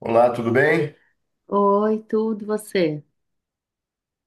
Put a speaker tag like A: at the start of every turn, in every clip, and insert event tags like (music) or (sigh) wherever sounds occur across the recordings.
A: Olá, tudo bem?
B: Oi, tudo você?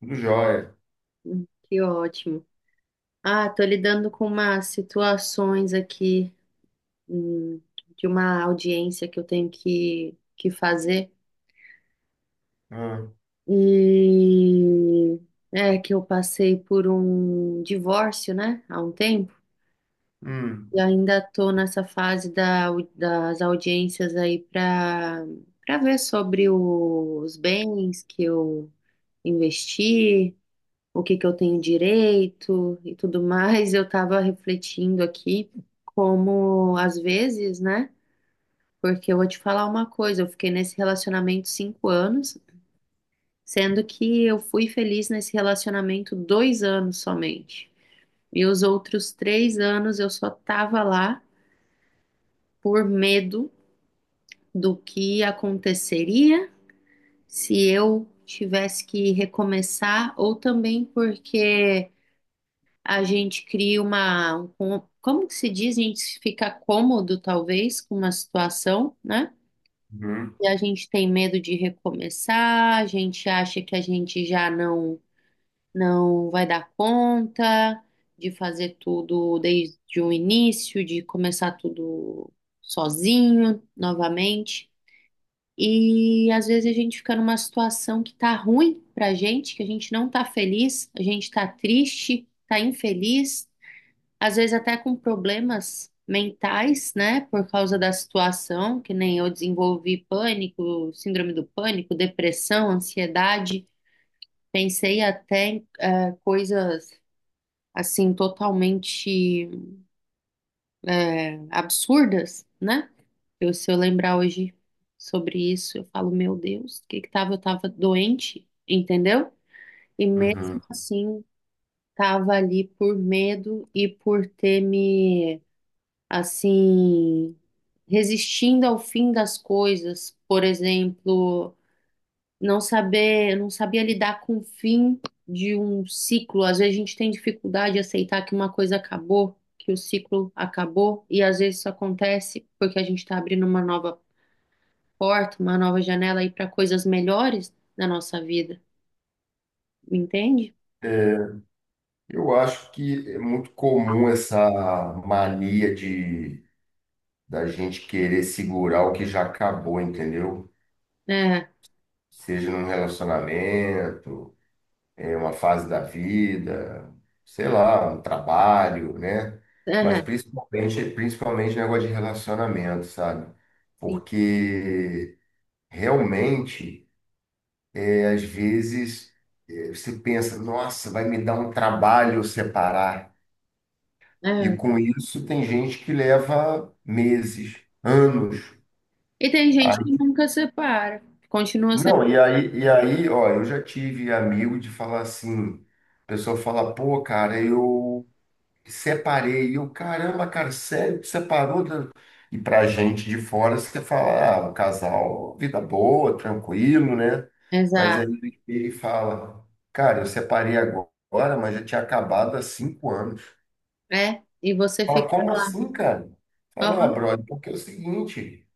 A: Tudo jóia.
B: Que ótimo. Ah, tô lidando com umas situações aqui, hum, de uma audiência que eu tenho que fazer.
A: Ah,
B: E é que eu passei por um divórcio, né, há um tempo.
A: hum,
B: E ainda tô nessa fase das audiências aí para ver sobre os bens que eu investi, o que que eu tenho direito e tudo mais. Eu estava refletindo aqui como às vezes, né? Porque eu vou te falar uma coisa, eu fiquei nesse relacionamento 5 anos, sendo que eu fui feliz nesse relacionamento 2 anos somente. E os outros 3 anos eu só tava lá por medo do que aconteceria se eu tivesse que recomeçar, ou também porque a gente cria como que se diz? A gente fica cômodo, talvez, com uma situação, né?
A: uhum,
B: E a gente tem medo de recomeçar, a gente acha que a gente já não vai dar conta de fazer tudo desde o início, de começar tudo sozinho novamente. E às vezes a gente fica numa situação que tá ruim pra gente, que a gente não tá feliz, a gente tá triste, tá infeliz, às vezes até com problemas mentais, né, por causa da situação, que nem eu desenvolvi pânico, síndrome do pânico, depressão, ansiedade. Pensei até em coisas assim totalmente absurdas, né? Eu, se eu lembrar hoje sobre isso, eu falo, meu Deus, o que que tava? Eu tava doente, entendeu? E mesmo
A: uhum.
B: assim, tava ali por medo e por ter me, assim, resistindo ao fim das coisas, por exemplo, não sabia lidar com o fim de um ciclo. Às vezes a gente tem dificuldade de aceitar que uma coisa acabou, que o ciclo acabou, e às vezes isso acontece porque a gente está abrindo uma nova porta, uma nova janela aí para coisas melhores na nossa vida, entende?
A: É, eu acho que é muito comum essa mania de da gente querer segurar o que já acabou, entendeu?
B: É,
A: Seja num relacionamento, em uma fase da vida, sei lá, um trabalho, né? Mas
B: é,
A: principalmente negócio de relacionamento, sabe?
B: sim,
A: Porque realmente. E às vezes você pensa, nossa, vai me dar um trabalho separar. E
B: é.
A: com isso tem gente que leva meses, anos.
B: E tem gente que
A: Aí-
B: nunca separa, continua sendo.
A: não, e aí, ó, eu já tive amigo de falar assim, a pessoa fala, pô, cara, eu separei. E eu, caramba, cara, sério que separou? E pra gente de fora, você fala, ah, um casal, vida boa, tranquilo, né? Mas
B: Exato,
A: aí ele fala, cara, eu separei agora, mas já tinha acabado há 5 anos.
B: é, e você
A: Fala,
B: fica
A: como
B: lá.
A: assim, cara? Fala, ah,
B: Aham,
A: brother, porque é o seguinte.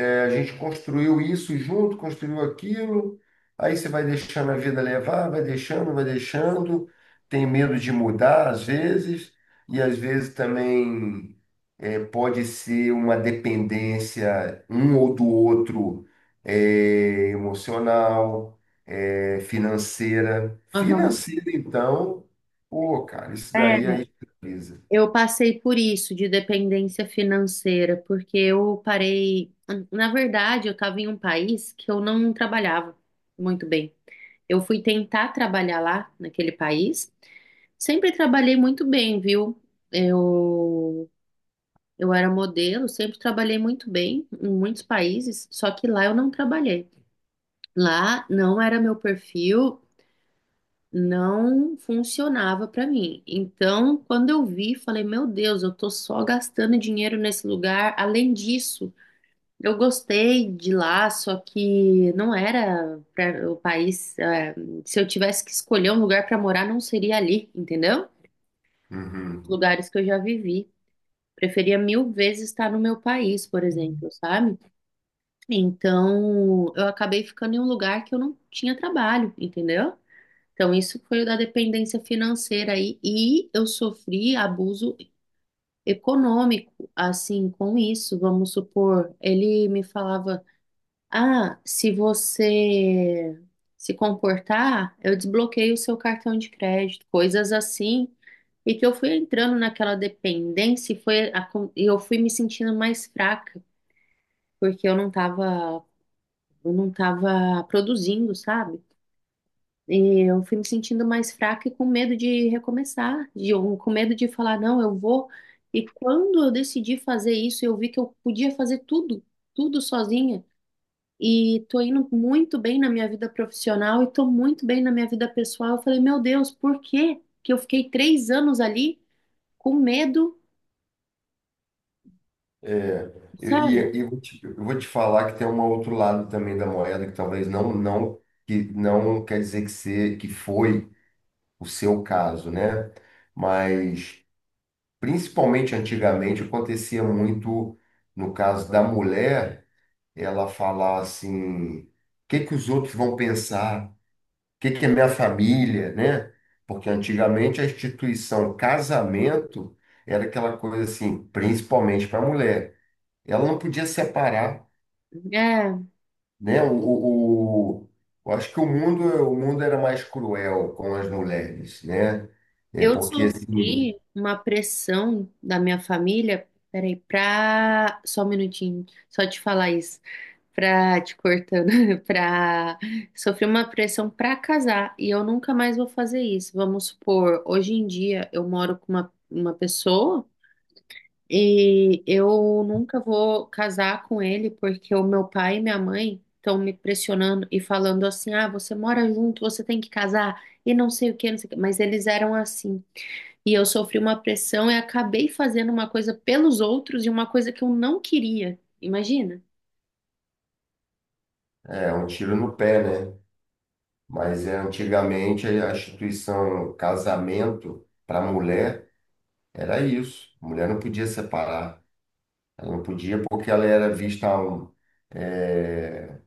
A: A gente construiu isso junto, construiu aquilo, aí você vai deixando a vida levar, vai deixando, tem medo de mudar às vezes, e às vezes também pode ser uma dependência um ou do outro, emocional, financeira.
B: aham.
A: Financeira, então, pô, cara, isso daí
B: É,
A: aí precisa.
B: eu passei por isso de dependência financeira, porque eu parei. Na verdade, eu estava em um país que eu não trabalhava muito bem. Eu fui tentar trabalhar lá, naquele país. Sempre trabalhei muito bem, viu? Eu, eu era modelo, sempre trabalhei muito bem em muitos países, só que lá eu não trabalhei. Lá não era meu perfil, não funcionava para mim. Então, quando eu vi, falei, meu Deus, eu tô só gastando dinheiro nesse lugar. Além disso, eu gostei de lá, só que não era para o país. Se eu tivesse que escolher um lugar para morar, não seria ali, entendeu? Os lugares que eu já vivi, preferia mil vezes estar no meu país, por exemplo, sabe? Então, eu acabei ficando em um lugar que eu não tinha trabalho, entendeu? Então, isso foi o da dependência financeira aí, e eu sofri abuso econômico, assim, com isso. Vamos supor, ele me falava: ah, se você se comportar, eu desbloqueio o seu cartão de crédito, coisas assim. E que eu fui entrando naquela dependência e eu fui me sentindo mais fraca, porque eu não estava produzindo, sabe? Eu fui me sentindo mais fraca e com medo de recomeçar, ou com medo de falar, não, eu vou. E quando eu decidi fazer isso, eu vi que eu podia fazer tudo, tudo sozinha. E tô indo muito bem na minha vida profissional e tô muito bem na minha vida pessoal. Eu falei, meu Deus, por que que eu fiquei 3 anos ali com medo,
A: É, e,
B: sabe?
A: e eu vou te falar que tem um outro lado também da moeda que talvez não, que não quer dizer que se, que foi o seu caso, né? Mas principalmente antigamente acontecia muito no caso da mulher, ela falar assim, o que que os outros vão pensar? O que que é minha família, né? Porque antigamente a instituição casamento era aquela coisa assim, principalmente para a mulher. Ela não podia separar,
B: É,
A: né? Eu acho que o mundo era mais cruel com as mulheres, né? É
B: eu
A: porque assim,
B: sofri uma pressão da minha família. Peraí, pra. Só um minutinho, só te falar isso. Pra te cortando, (laughs) pra sofrer uma pressão pra casar, e eu nunca mais vou fazer isso. Vamos supor, hoje em dia eu moro com uma pessoa, e eu nunca vou casar com ele porque o meu pai e minha mãe estão me pressionando e falando assim: ah, você mora junto, você tem que casar e não sei o que, não sei o que. Mas eles eram assim, e eu sofri uma pressão e acabei fazendo uma coisa pelos outros e uma coisa que eu não queria. Imagina?
A: é um tiro no pé, né? Mas é, antigamente a instituição casamento para mulher era isso. A mulher não podia separar. Ela não podia porque ela era vista um, é,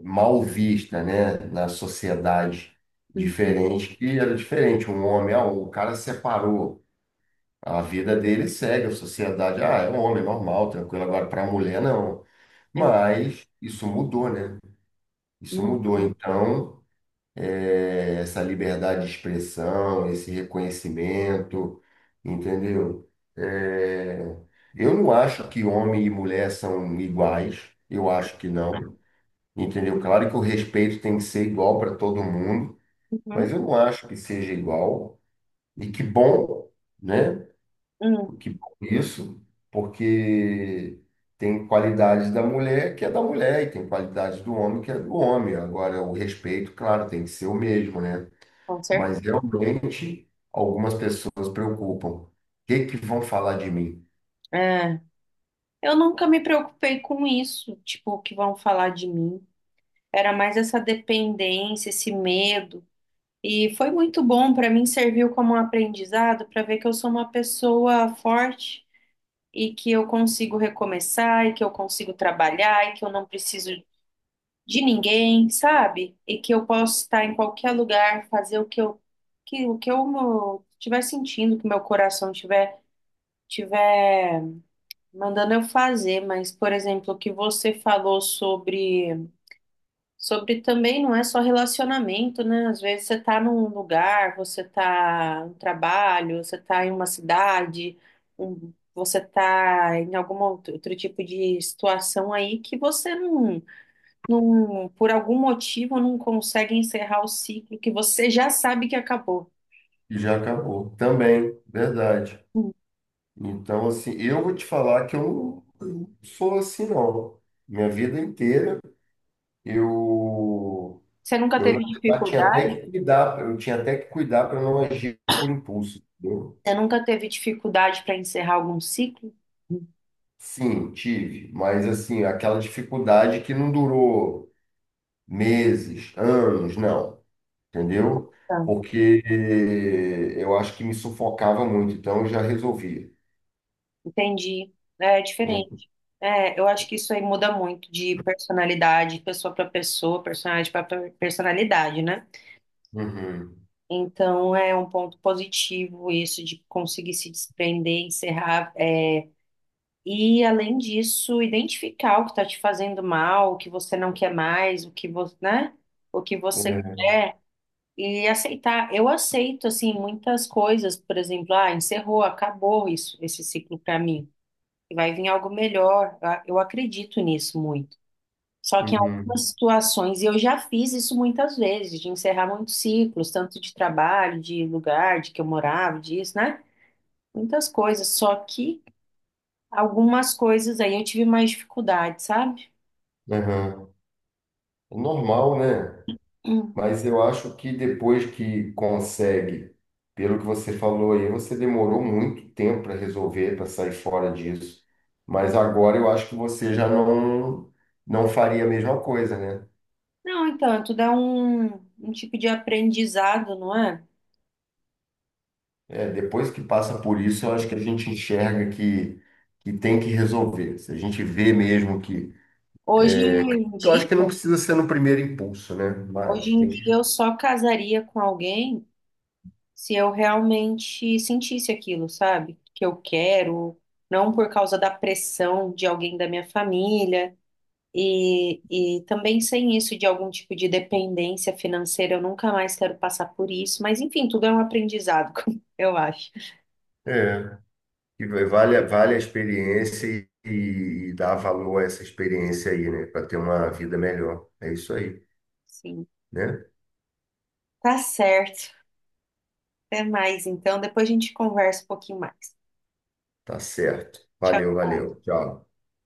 A: mal vista, né? Na sociedade
B: Uhum.
A: diferente, que era diferente. Um homem, ah, o cara separou. A vida dele segue, a sociedade, ah, é um homem normal, tranquilo. Agora, para a mulher, não.
B: É,
A: Mas isso mudou, né? Isso
B: não.
A: mudou. Então, é, essa liberdade de expressão, esse reconhecimento, entendeu? É, eu não acho que homem e mulher são iguais. Eu acho que não. Entendeu? Claro que o respeito tem que ser igual para todo mundo,
B: Uhum,
A: mas eu não acho que seja igual. E que bom, né?
B: hum,
A: Que isso, porque tem qualidades da mulher que é da mulher e tem qualidades do homem que é do homem. Agora, o respeito, claro, tem que ser o mesmo, né?
B: com
A: Mas
B: certeza.
A: realmente algumas pessoas preocupam. O que que vão falar de mim?
B: É. Eu nunca me preocupei com isso, tipo, o que vão falar de mim. Era mais essa dependência, esse medo. E para um aprendizado, para ver que eu sou uma boa forte e que eu consigo trabalhar e que eu não preciso de ninguém, sabe? E que eu posso estar em qualquer lugar, fazer o que eu estiver sentindo, que meu coração tiver mandando eu fazer. Mas, por exemplo, o que você falou sobre também não é só relacionamento, né? Às vezes você tá num lugar, você tá no trabalho, você tá em uma cidade, você tá em algum outro tipo de situação aí que você não, por algum motivo, não consegue encerrar o ciclo que você já sabe que acabou.
A: E já acabou. Também, verdade.
B: Hum.
A: Então, assim, eu vou te falar que eu não sou assim, não. Minha vida inteira eu.
B: Você nunca
A: Eu, na
B: teve
A: verdade, tinha até
B: dificuldade?
A: que cuidar, eu tinha até que cuidar para não agir por impulso, entendeu?
B: Você nunca teve dificuldade para encerrar algum ciclo?
A: Sim, tive, mas assim, aquela dificuldade que não durou meses, anos, não, entendeu?
B: Então,
A: Porque eu acho que me sufocava muito, então eu já resolvia.
B: entendi. É
A: Né?
B: diferente. É, eu acho que isso aí muda muito de personalidade, pessoa para pessoa, personalidade para personalidade, né?
A: Uhum.
B: Então é um ponto positivo isso de conseguir se desprender, encerrar, é, e além disso, identificar o que está te fazendo mal, o que você não quer mais, o que você, né? O que você
A: É,
B: quer, e aceitar. Eu aceito assim muitas coisas, por exemplo, ah, encerrou, acabou isso, esse ciclo para mim. Vai vir algo melhor. Eu acredito nisso muito. Só que em
A: uhum,
B: algumas situações, e eu já fiz isso muitas vezes, de encerrar muitos ciclos, tanto de trabalho, de lugar, de que eu morava, disso, né? Muitas coisas. Só que algumas coisas aí eu tive mais dificuldade, sabe?
A: aham. É normal, né?
B: Hum.
A: Mas eu acho que depois que consegue, pelo que você falou aí, você demorou muito tempo para resolver, para sair fora disso. Mas agora eu acho que você já não, não faria a mesma coisa, né?
B: Não, então, tudo é um tipo de aprendizado, não é?
A: É, depois que passa por isso, eu acho que a gente enxerga que tem que resolver. Se a gente vê mesmo que.
B: Hoje em
A: Eu acho que não
B: dia,
A: precisa ser no primeiro impulso, né?
B: hoje
A: Mas
B: em
A: tem
B: dia
A: que.
B: eu só casaria com alguém se eu realmente sentisse aquilo, sabe? Que eu quero, não por causa da pressão de alguém da minha família, e também sem isso de algum tipo de dependência financeira. Eu nunca mais quero passar por isso, mas enfim, tudo é um aprendizado, (laughs) eu acho.
A: É. E vale, vale a experiência e dar valor a essa experiência aí, né? Para ter uma vida melhor. É isso aí,
B: Sim,
A: né?
B: tá certo. Até mais, então, depois a gente conversa um pouquinho mais.
A: Tá certo.
B: Tchau.
A: Valeu, valeu. Tchau.